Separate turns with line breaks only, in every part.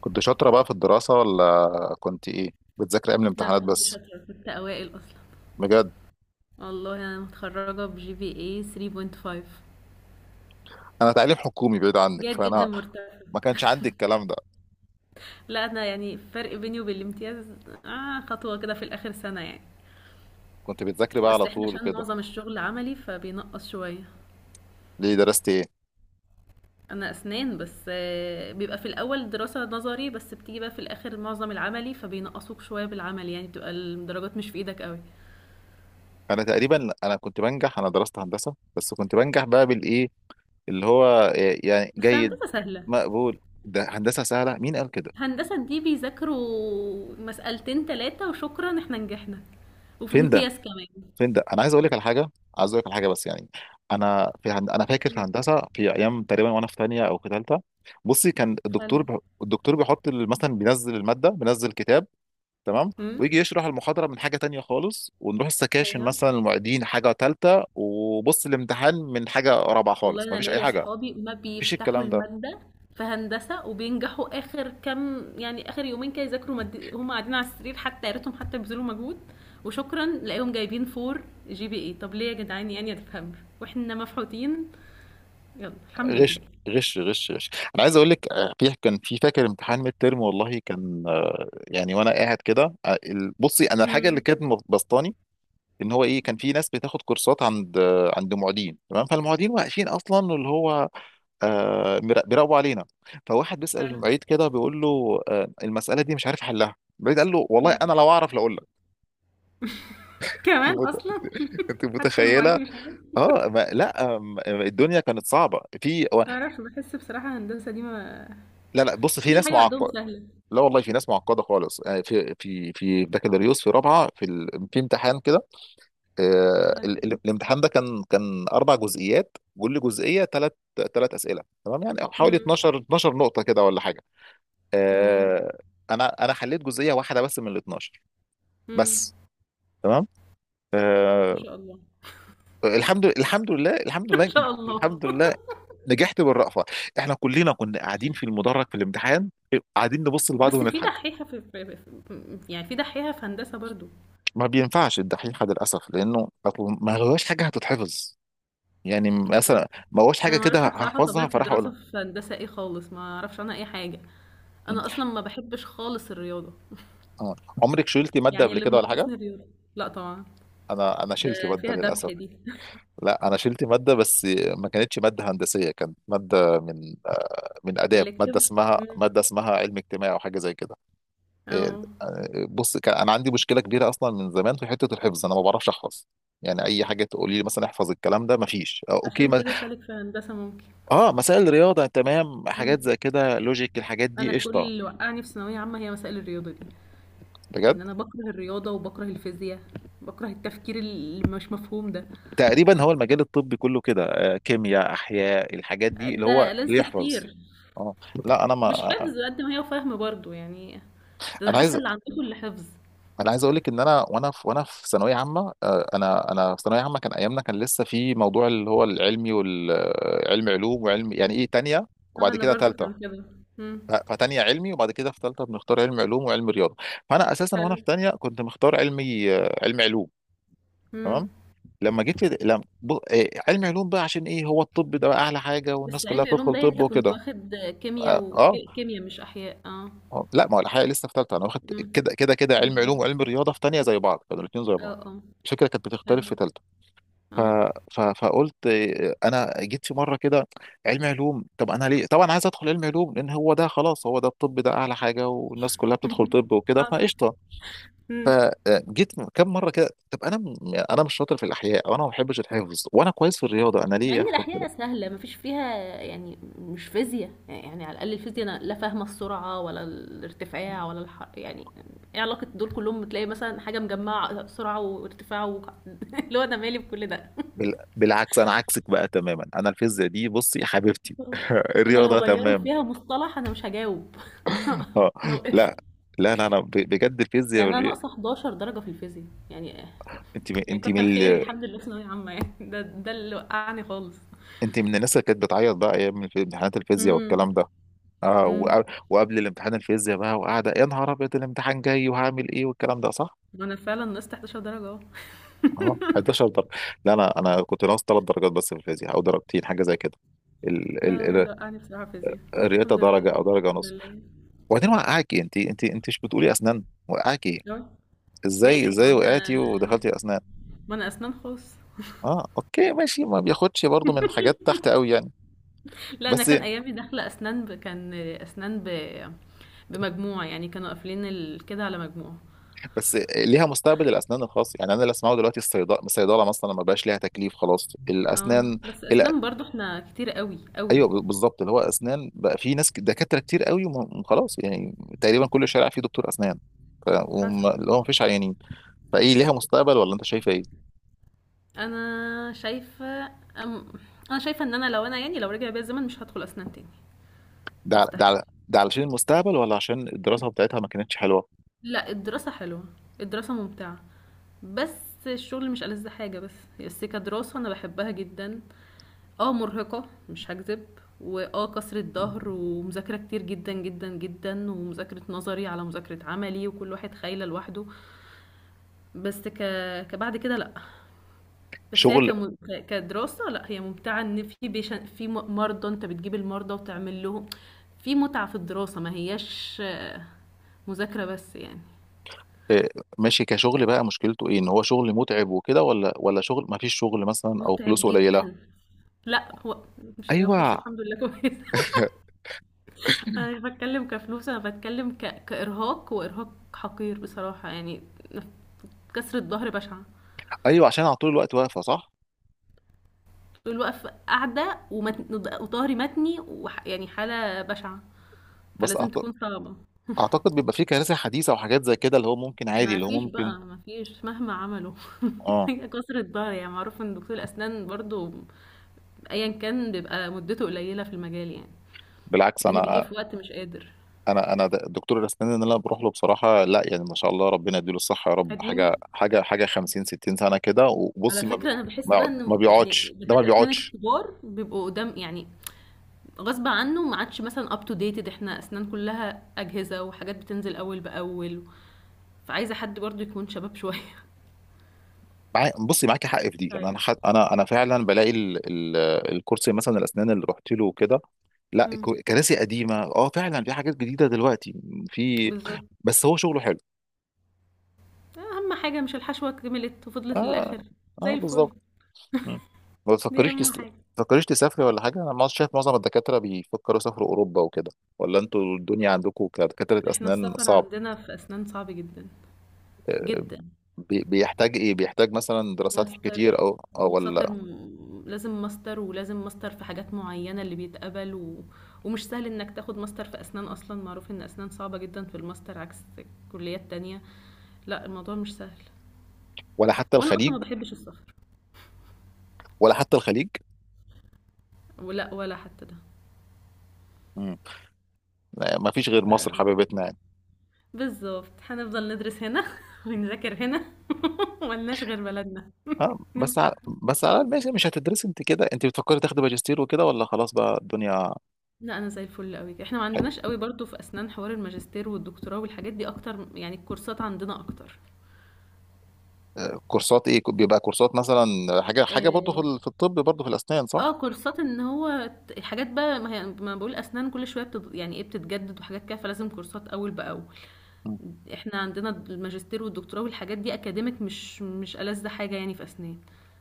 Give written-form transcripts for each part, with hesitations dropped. كنت شاطرة بقى في الدراسة ولا كنت إيه؟ بتذاكري أيام
لا،
الامتحانات
كنت
بس؟
شاطرة، كنت أوائل أصلا.
بجد.
والله أنا متخرجة بجي بي اي 3.5.
أنا تعليم حكومي بعيد عنك،
جيد جدا،
فأنا
مرتفع.
ما كانش عندي الكلام ده.
لا، أنا يعني الفرق بيني وبين الامتياز آه، خطوة كده في الآخر سنة يعني.
كنت بتذاكري بقى على
بس احنا
طول
عشان
وكده؟
معظم الشغل عملي فبينقص شوية.
ليه درست إيه؟
أنا أسنان بس، بيبقى في الأول دراسة نظري، بس بتيجي بقى في الآخر معظم العملي فبينقصوك شوية بالعمل، يعني بتبقى الدرجات مش في إيدك قوي.
أنا تقريبا كنت بنجح. أنا درست هندسة بس كنت بنجح بقى بالإيه، اللي هو إيه؟ يعني
بس
جيد.
هندسة سهلة.
مقبول. ده هندسة سهلة، مين قال كده؟
هندسة دي بيذاكروا مسألتين تلاتة وشكرا احنا نجحنا. وفي
فين ده؟
امتياز كمان.
فين ده؟ انا عايز اقول لك على حاجه. بس يعني انا فاكر في
مم.
هندسه في ايام تقريبا، وانا في ثانيه او في ثالثه. بصي،
حلو.
الدكتور بيحط مثلا بينزل الماده، بينزل كتاب، تمام،
امم.
ويجي يشرح المحاضره من حاجه تانية خالص، ونروح السكاشن
ايوه.
مثلا المعيدين حاجه ثالثه، وبص الامتحان من حاجه رابعه
والله
خالص. ما
انا
فيش اي
ليا
حاجه. ما
اصحابي ما
فيش
بيفتحوا
الكلام ده.
المادة في هندسة وبينجحوا اخر كام، يعني اخر يومين كده يذاكروا هم قاعدين على السرير، حتى يا ريتهم حتى بيبذلوا مجهود. وشكرا لاقيهم جايبين 4 GPA، طب ليه يا جدعان؟ يعني ما تفهمش واحنا مفحوطين. يلا، الحمد
غش
لله.
غش غش غش. انا عايز اقول لك، في كان في فاكر امتحان ميد ترم، والله كان يعني وانا قاعد كده بصي، انا الحاجه اللي
امم.
كانت مبسطاني ان هو ايه، كان في ناس بتاخد كورسات عند معيدين، تمام، فالمعيدين واقفين اصلا اللي هو بيراقبوا علينا، فواحد بيسأل
حلو.
المعيد كده بيقول له آه المسألة دي مش عارف حلها، المعيد قال له والله
مم.
انا لو اعرف لاقول لك. انت
كمان
مت-
اصلا.
أنت
حتى المعيد
متخيله؟
مش عارف.
اه. ما لا الدنيا كانت صعبه
ما اعرفش، بحس بصراحة هندسة دي ما.
لا لا، بص،
كل
في ناس
حاجة عندهم
معقده،
سهلة.
لا والله في ناس معقده خالص يعني في بكالوريوس في رابعه في امتحان كده
حلو.
الامتحان ده كان اربع جزئيات، كل جزئيه ثلاث اسئله، تمام، يعني حوالي
امم.
12 12 نقطه كده ولا حاجه.
تمام.
آه، انا حليت جزئيه واحده بس من ال 12
امم.
بس، تمام.
ما
آه،
شاء الله.
الحمد لله، الحمد
ما
لله،
شاء الله.
الحمد لله. نجحت بالرأفة، احنا كلنا كنا قاعدين في المدرج في الامتحان، قاعدين نبص لبعض
بس في
ونضحك.
دحيحة في يعني في دحيحة في هندسة برضو.
ما بينفعش الدحيحة للأسف، لأنه أصل ما هواش حاجة هتتحفظ، يعني
مش
مثلا
عارف.
ما هواش حاجة
انا ما
كده
اعرفش بصراحة
هحفظها
طبيعة
فراح
الدراسة
أقولها.
في هندسة ايه خالص، ما اعرفش عنها اي حاجة. انا اصلا ما بحبش خالص الرياضة.
آه. عمرك شلتي مادة
يعني
قبل
اللي
كده ولا حاجة؟
منقصني الرياضة. لا طبعا.
أنا
ده
شلت مادة
فيها ذبح
للأسف.
دي.
لا، أنا شلت مادة بس، ما كانتش مادة هندسية، كانت مادة من من آداب،
الكتف. امم.
مادة اسمها علم اجتماعي أو حاجة زي كده. إيه،
اه.
آه، بص، كان أنا عندي مشكلة كبيرة أصلا من زمان في حتة الحفظ، أنا ما بعرفش أحفظ. يعني أي حاجة تقولي لي مثلا احفظ الكلام ده، مفيش. أوكي
عشان
ما...
كده سالك في هندسة ممكن.
مسائل رياضة، تمام، حاجات زي كده، لوجيك، الحاجات
انا
دي
كل
قشطة،
اللي وقعني في ثانويه عامه هي مسائل الرياضه دي.
بجد.
ان انا بكره الرياضه وبكره الفيزياء. بكره التفكير اللي مش مفهوم ده.
تقريبا هو المجال الطبي كله كده، كيمياء، احياء، الحاجات دي اللي هو
ده لنس
بيحفظ.
كتير.
اه، لا، انا ما
مش حفظ قد ما هي فهم برضو يعني. ده انا
انا
حاسه
عايز
اللي عندكم اللي حفظ.
انا عايز اقول لك ان انا وانا في ثانويه عامه، انا في ثانويه عامه كان ايامنا، كان لسه في موضوع اللي هو العلمي، والعلم علوم وعلم يعني ايه تانية،
اه،
وبعد
انا
كده
برضو
تالتة.
كان كده. امم.
فتانية علمي، وبعد كده في تالتة بنختار علم علوم وعلم رياضه. فانا اساسا وانا
حلو.
في تانية كنت مختار علمي، علم علوم،
امم.
تمام. لما جيت لد- لم... ب... آه، علم علوم بقى، عشان ايه؟ هو الطب ده بقى اعلى حاجه والناس
بس
كلها
علمي علوم
بتدخل
ده، يعني
طب
انت كنت
وكده.
واخد كيمياء،
اه.
وكيمياء مش احياء، اه.
آه. لا، ما هو الحقيقه لسه في ثالثه، انا واخد
امم.
كده كده كده. علم علوم
بالظبط.
وعلم رياضه في ثانيه زي بعض، كانوا الاثنين زي
اه،
بعض.
اه.
الفكره كانت
حلو.
بتختلف في ثالثه. ف...
اه.
فقلت، انا جيت في مره كده، علم علوم، طب انا ليه طبعا عايز ادخل علم علوم؟ لان هو ده خلاص، هو ده الطب ده اعلى حاجه والناس كلها بتدخل طب وكده،
حصل.
فقشطه. فجيت كم مره كده، طب انا مش شاطر في الاحياء، وانا ما بحبش الحفظ، وانا كويس في الرياضه، انا
مع
ليه
ان
ادخل كده؟
الاحياء سهله مفيش فيها. يعني مش فيزياء، يعني على الاقل الفيزياء انا لا فاهمه السرعه ولا الارتفاع ولا يعني ايه علاقه دول كلهم؟ تلاقي مثلا حاجه مجمعه سرعه وارتفاع اللي هو انا مالي بكل ده.
بالعكس، انا عكسك بقى تماما، انا الفيزياء دي بصي حبيبتي
انا لو
الرياضه
غيروا
تمام.
فيها مصطلح انا مش هجاوب.
اه،
انا وقفت.
لا لا لا، بجد الفيزياء
يعني انا ناقصه 11 درجه في الفيزياء، يعني
انت من...
يعني
انت من
كتر خيري
ال...
الحمد لله في ثانويه عامه، يعني ده اللي وقعني خالص.
انت من الناس اللي كانت بتعيط بقى ايام امتحانات الفيزياء
امم.
والكلام ده. اه،
امم.
وقبل الامتحان الفيزياء بقى، وقاعده يا نهار ابيض، الامتحان جاي وهعمل ايه والكلام ده، صح؟
انا فعلا نقصت 11 درجه اهو.
اه، 11 درجه. لا، انا كنت ناقص ثلاث درجات بس في الفيزياء، او درجتين حاجه زي كده. ال... ال...
لا، لا،
ال...
لا، أنا بصراحة فيزياء
الرياضه
الحمد لله،
درجه او
يعني
درجه
الحمد
ونص.
لله.
وبعدين وقعاكي؟ انت مش بتقولي اسنان وقعاكي؟
أوي.
ازاي
ماشي. ما
ازاي
أنا
وقعتي ودخلتي اسنان؟
ما أنا أسنان خاص.
اه، اوكي، ماشي، ما بياخدش برضو من حاجات تحت قوي يعني.
لا، أنا
بس
كان أيامي داخلة أسنان كان أسنان بمجموع، يعني كانوا قافلين كده على مجموع.
بس ليها مستقبل الاسنان الخاص، يعني انا اللي اسمعه دلوقتي الصيدله، مثلا ما بقاش ليها تكليف، خلاص.
اه.
الاسنان،
بس
لا،
أسنان برضو احنا كتير قوي قوي.
ايوه، بالظبط، اللي هو اسنان بقى في ناس دكاتره كتير قوي وخلاص يعني، تقريبا كل شارع فيه دكتور اسنان.
حسب.
اللي هو ما فيش عيانين، فايه، ليها مستقبل ولا انت شايفه ايه؟
أنا شايفة. أم... أنا شايفة إن أنا لو أنا يعني لو رجع بيا الزمن مش هدخل أسنان تاني. مستحيل.
ده علشان المستقبل ولا عشان الدراسه بتاعتها ما كانتش حلوه؟
لا، الدراسة حلوة. الدراسة ممتعة. بس الشغل مش ألذ حاجة، بس. بس كدراسة أنا بحبها جدا. اه، مرهقة مش هكذب. واه كسرة ظهر ومذاكرة كتير جدا جدا جدا، ومذاكرة نظري على مذاكرة عملي، وكل واحد خايلة لوحده. بس ك... كبعد كده لأ. بس هي
شغل،
كدراسة لأ، هي ممتعة إن في مرضى، أنت بتجيب المرضى وتعمل لهم. في متعة في الدراسة، ما هياش مذاكرة بس يعني.
آه، ماشي، كشغل بقى مشكلته ايه؟ ان هو شغل متعب وكده، ولا شغل ما فيش شغل مثلا، او
متعب
فلوسه قليله؟
جدا. لا هو، مش هي
ايوه،
فلوس، الحمد لله كويس. انا مش بتكلم كفلوس، انا بتكلم كارهاق، وارهاق حقير بصراحه يعني. كسرة ظهر بشعه.
ايوه، عشان على طول الوقت واقفه، صح؟
طول الوقت قاعده وظهري متني يعني حاله بشعه،
بس
فلازم
أعت-
تكون صعبه.
اعتقد بيبقى في كنائس حديثه وحاجات زي كده، اللي هو ممكن عادي،
ما
اللي هو
فيش
ممكن.
بقى ما فيش مهما عملوا.
اه،
هي كسرة ظهر يعني، معروف ان دكتور الاسنان برضو ايا كان بيبقى مدته قليله في المجال يعني،
بالعكس،
لان بيجي في وقت مش قادر.
دكتور الاسنان اللي انا بروح له بصراحه، لا يعني ما شاء الله، ربنا يديله الصحه يا رب، حاجه
قديم.
حاجه حاجه 50 60 سنه كده،
على
وبصي
فكرة أنا بحس بقى
ما
إن يعني
بيقعدش، ده ما
دكاترة أسنان
بيقعدش.
الكبار بيبقوا قدام يعني غصب عنه، ما عادش مثلا اب تو ديتد. احنا اسنان كلها اجهزه وحاجات بتنزل اول باول، فعايزه حد برضه يكون شباب شويه.
معاي بصي معاكي حق في دي، يعني
طيب.
انا فعلا بلاقي الكرسي مثلا الاسنان اللي رحت له وكده، لا،
مم،
كراسي قديمه، اه، فعلا في حاجات جديده دلوقتي، في،
بالظبط.
بس هو شغله حلو.
اهم حاجه مش الحشوه كملت وفضلت
اه،
للاخر؟ زي
اه،
الفل.
بالظبط. مم. ما
دي
تفكريش
اهم حاجه.
تسافري ولا حاجة؟ أنا ما شايف معظم الدكاترة بيفكروا يسافروا أوروبا وكده، ولا أنتوا الدنيا عندكم كدكاترة
احنا
أسنان
السفر
صعب؟
عندنا في اسنان صعب جدا
آه،
جدا.
بيحتاج إيه؟ بيحتاج مثلا دراسات
ماستر
كتير أو
ومساطر
ولا
لازم ماستر في حاجات معينة اللي بيتقبل ومش سهل انك تاخد ماستر في اسنان، اصلا معروف ان اسنان صعبة جدا في الماستر عكس كليات تانية. لأ، الموضوع مش سهل.
ولا حتى
وأنا أصلًا
الخليج،
ما باحبش السفر.
ولا حتى الخليج.
ولأ، ولا حتى ده.
مم. لا، ما فيش غير مصر
ف
حبيبتنا يعني.
بالضبط، هنفضل ندرس هنا ونذاكر هنا. ما لناش غير بلدنا،
ها،
ما ينفعش.
بس على الأقل ماشي، مش هتدرسي أنت كده؟ أنت بتفكري تاخدي ماجستير وكده ولا خلاص بقى الدنيا؟
لأ، أنا زي الفل أوي، إحنا ما عندناش أوي برضه في أسنان حوار الماجستير والدكتوراه والحاجات دي أكتر، يعني الكورسات عندنا أكتر.
كورسات إيه؟ بيبقى كورسات مثلا حاجة حاجة برضه
آآ،
في الطب، برضه في الأسنان، صح؟
كورسات إن هو حاجات بقى، ما هي ما أنا باقول أسنان كل شوية يعني إيه، بتتجدد وحاجات كده، فلازم كورسات أول بأول.
مم.
احنا عندنا الماجستير والدكتوراه والحاجات دي اكاديميك، مش ألذ حاجة يعني في اسنان،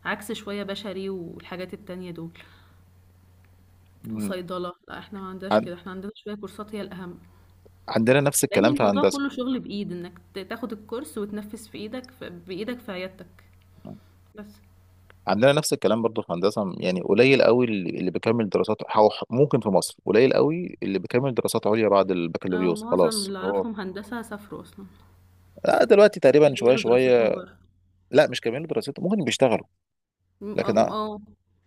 عكس شوية بشري والحاجات التانية دول
مم.
وصيدلة. لا، احنا ما عندناش كده، احنا عندنا شوية كورسات هي الأهم،
عندنا نفس
لأن
الكلام في
الموضوع
هندسة،
كله شغل بإيد انك تاخد الكورس وتنفذ في ايدك في بإيدك في عيادتك. بس.
عندنا نفس الكلام برضه في هندسة يعني. قليل قوي اللي بيكمل دراسات، أو ممكن في مصر قليل قوي اللي بيكمل دراسات عليا بعد
اه،
البكالوريوس،
معظم
خلاص
اللي
هو.
اعرفهم هندسة سافروا اصلا،
لا، دلوقتي تقريبا شوية
كملوا دراستهم
شوية،
بره.
لا، مش كاملين دراسته، ممكن بيشتغلوا لكن
اه. آه.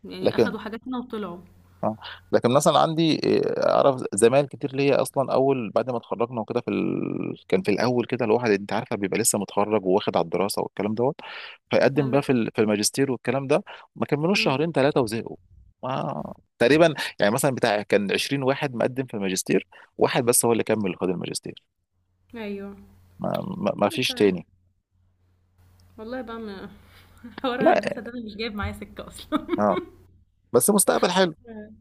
يعني
لكن
اخدوا حاجات هنا وطلعوا.
اه لكن مثلا عندي، اعرف زمايل كتير ليا اصلا، اول بعد ما اتخرجنا وكده، كان في الاول كده الواحد، انت عارفه، بيبقى لسه متخرج وواخد على الدراسه والكلام دوت، فيقدم
حلو.
بقى في الماجستير والكلام ده، ما كملوش
مم.
شهرين ثلاثه وزهقوا. ما تقريبا يعني مثلا بتاع كان 20 واحد مقدم في الماجستير، واحد بس هو اللي كمل خد الماجستير.
ايوه.
ما, ما
مش
فيش
عارف.
تاني.
والله بقى حوار
لا،
هندسة ده انا مش جايب معايا سكة اصلا.
اه، بس مستقبل حلو،
إمم.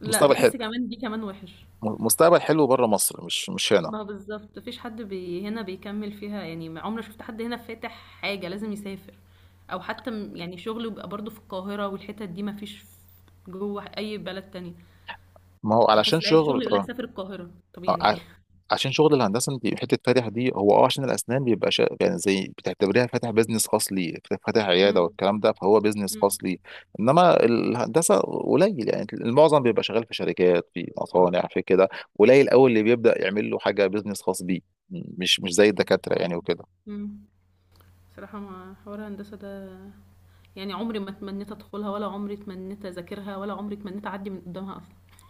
لأ،
مستقبل حلو
باحس كمان دي كمان وِحِش.
مستقبل حلو بره مصر، مش هنا.
ما هو بالضبط، ما فيش حد هنا بيكمّل فيها، يعني ما عمري ما شُفت حد هنا فاتح حاجة، لازم يسافر أو حتى يعني شُغله بيبقى برضه في القاهرة والحِتت دي، ما فيش جوّه أي بلد تانية.
ما هو
يعني أحس
علشان
اللي عايز
شغل.
شُغل يقول لك
آه.
سافر القاهرة، طَب
آه،
يعني.
ع- عشان شغل الهندسه انت حته فاتح دي، هو اه عشان الاسنان بيبقى يعني زي بتعتبريها فاتح بيزنس خاص ليه، فاتح عياده
إمم،
والكلام ده، فهو بيزنس خاص
إمم.
ليه. انما الهندسه قليل، يعني المعظم بيبقى شغال في شركات، في مصانع، في كده، قليل قوي اللي بيبدا يعمل له حاجه بيزنس خاص بيه، مش زي
مش
الدكاتره يعني وكده.
إمم. بصراحة ما حوار هندسة ده، يعني عمري ما تمنّيت أدخُلها، ولا عمري تمنّيت أذاكرها، ولا عمري تمنّيت أعدّي من قُدّامها أصلًا.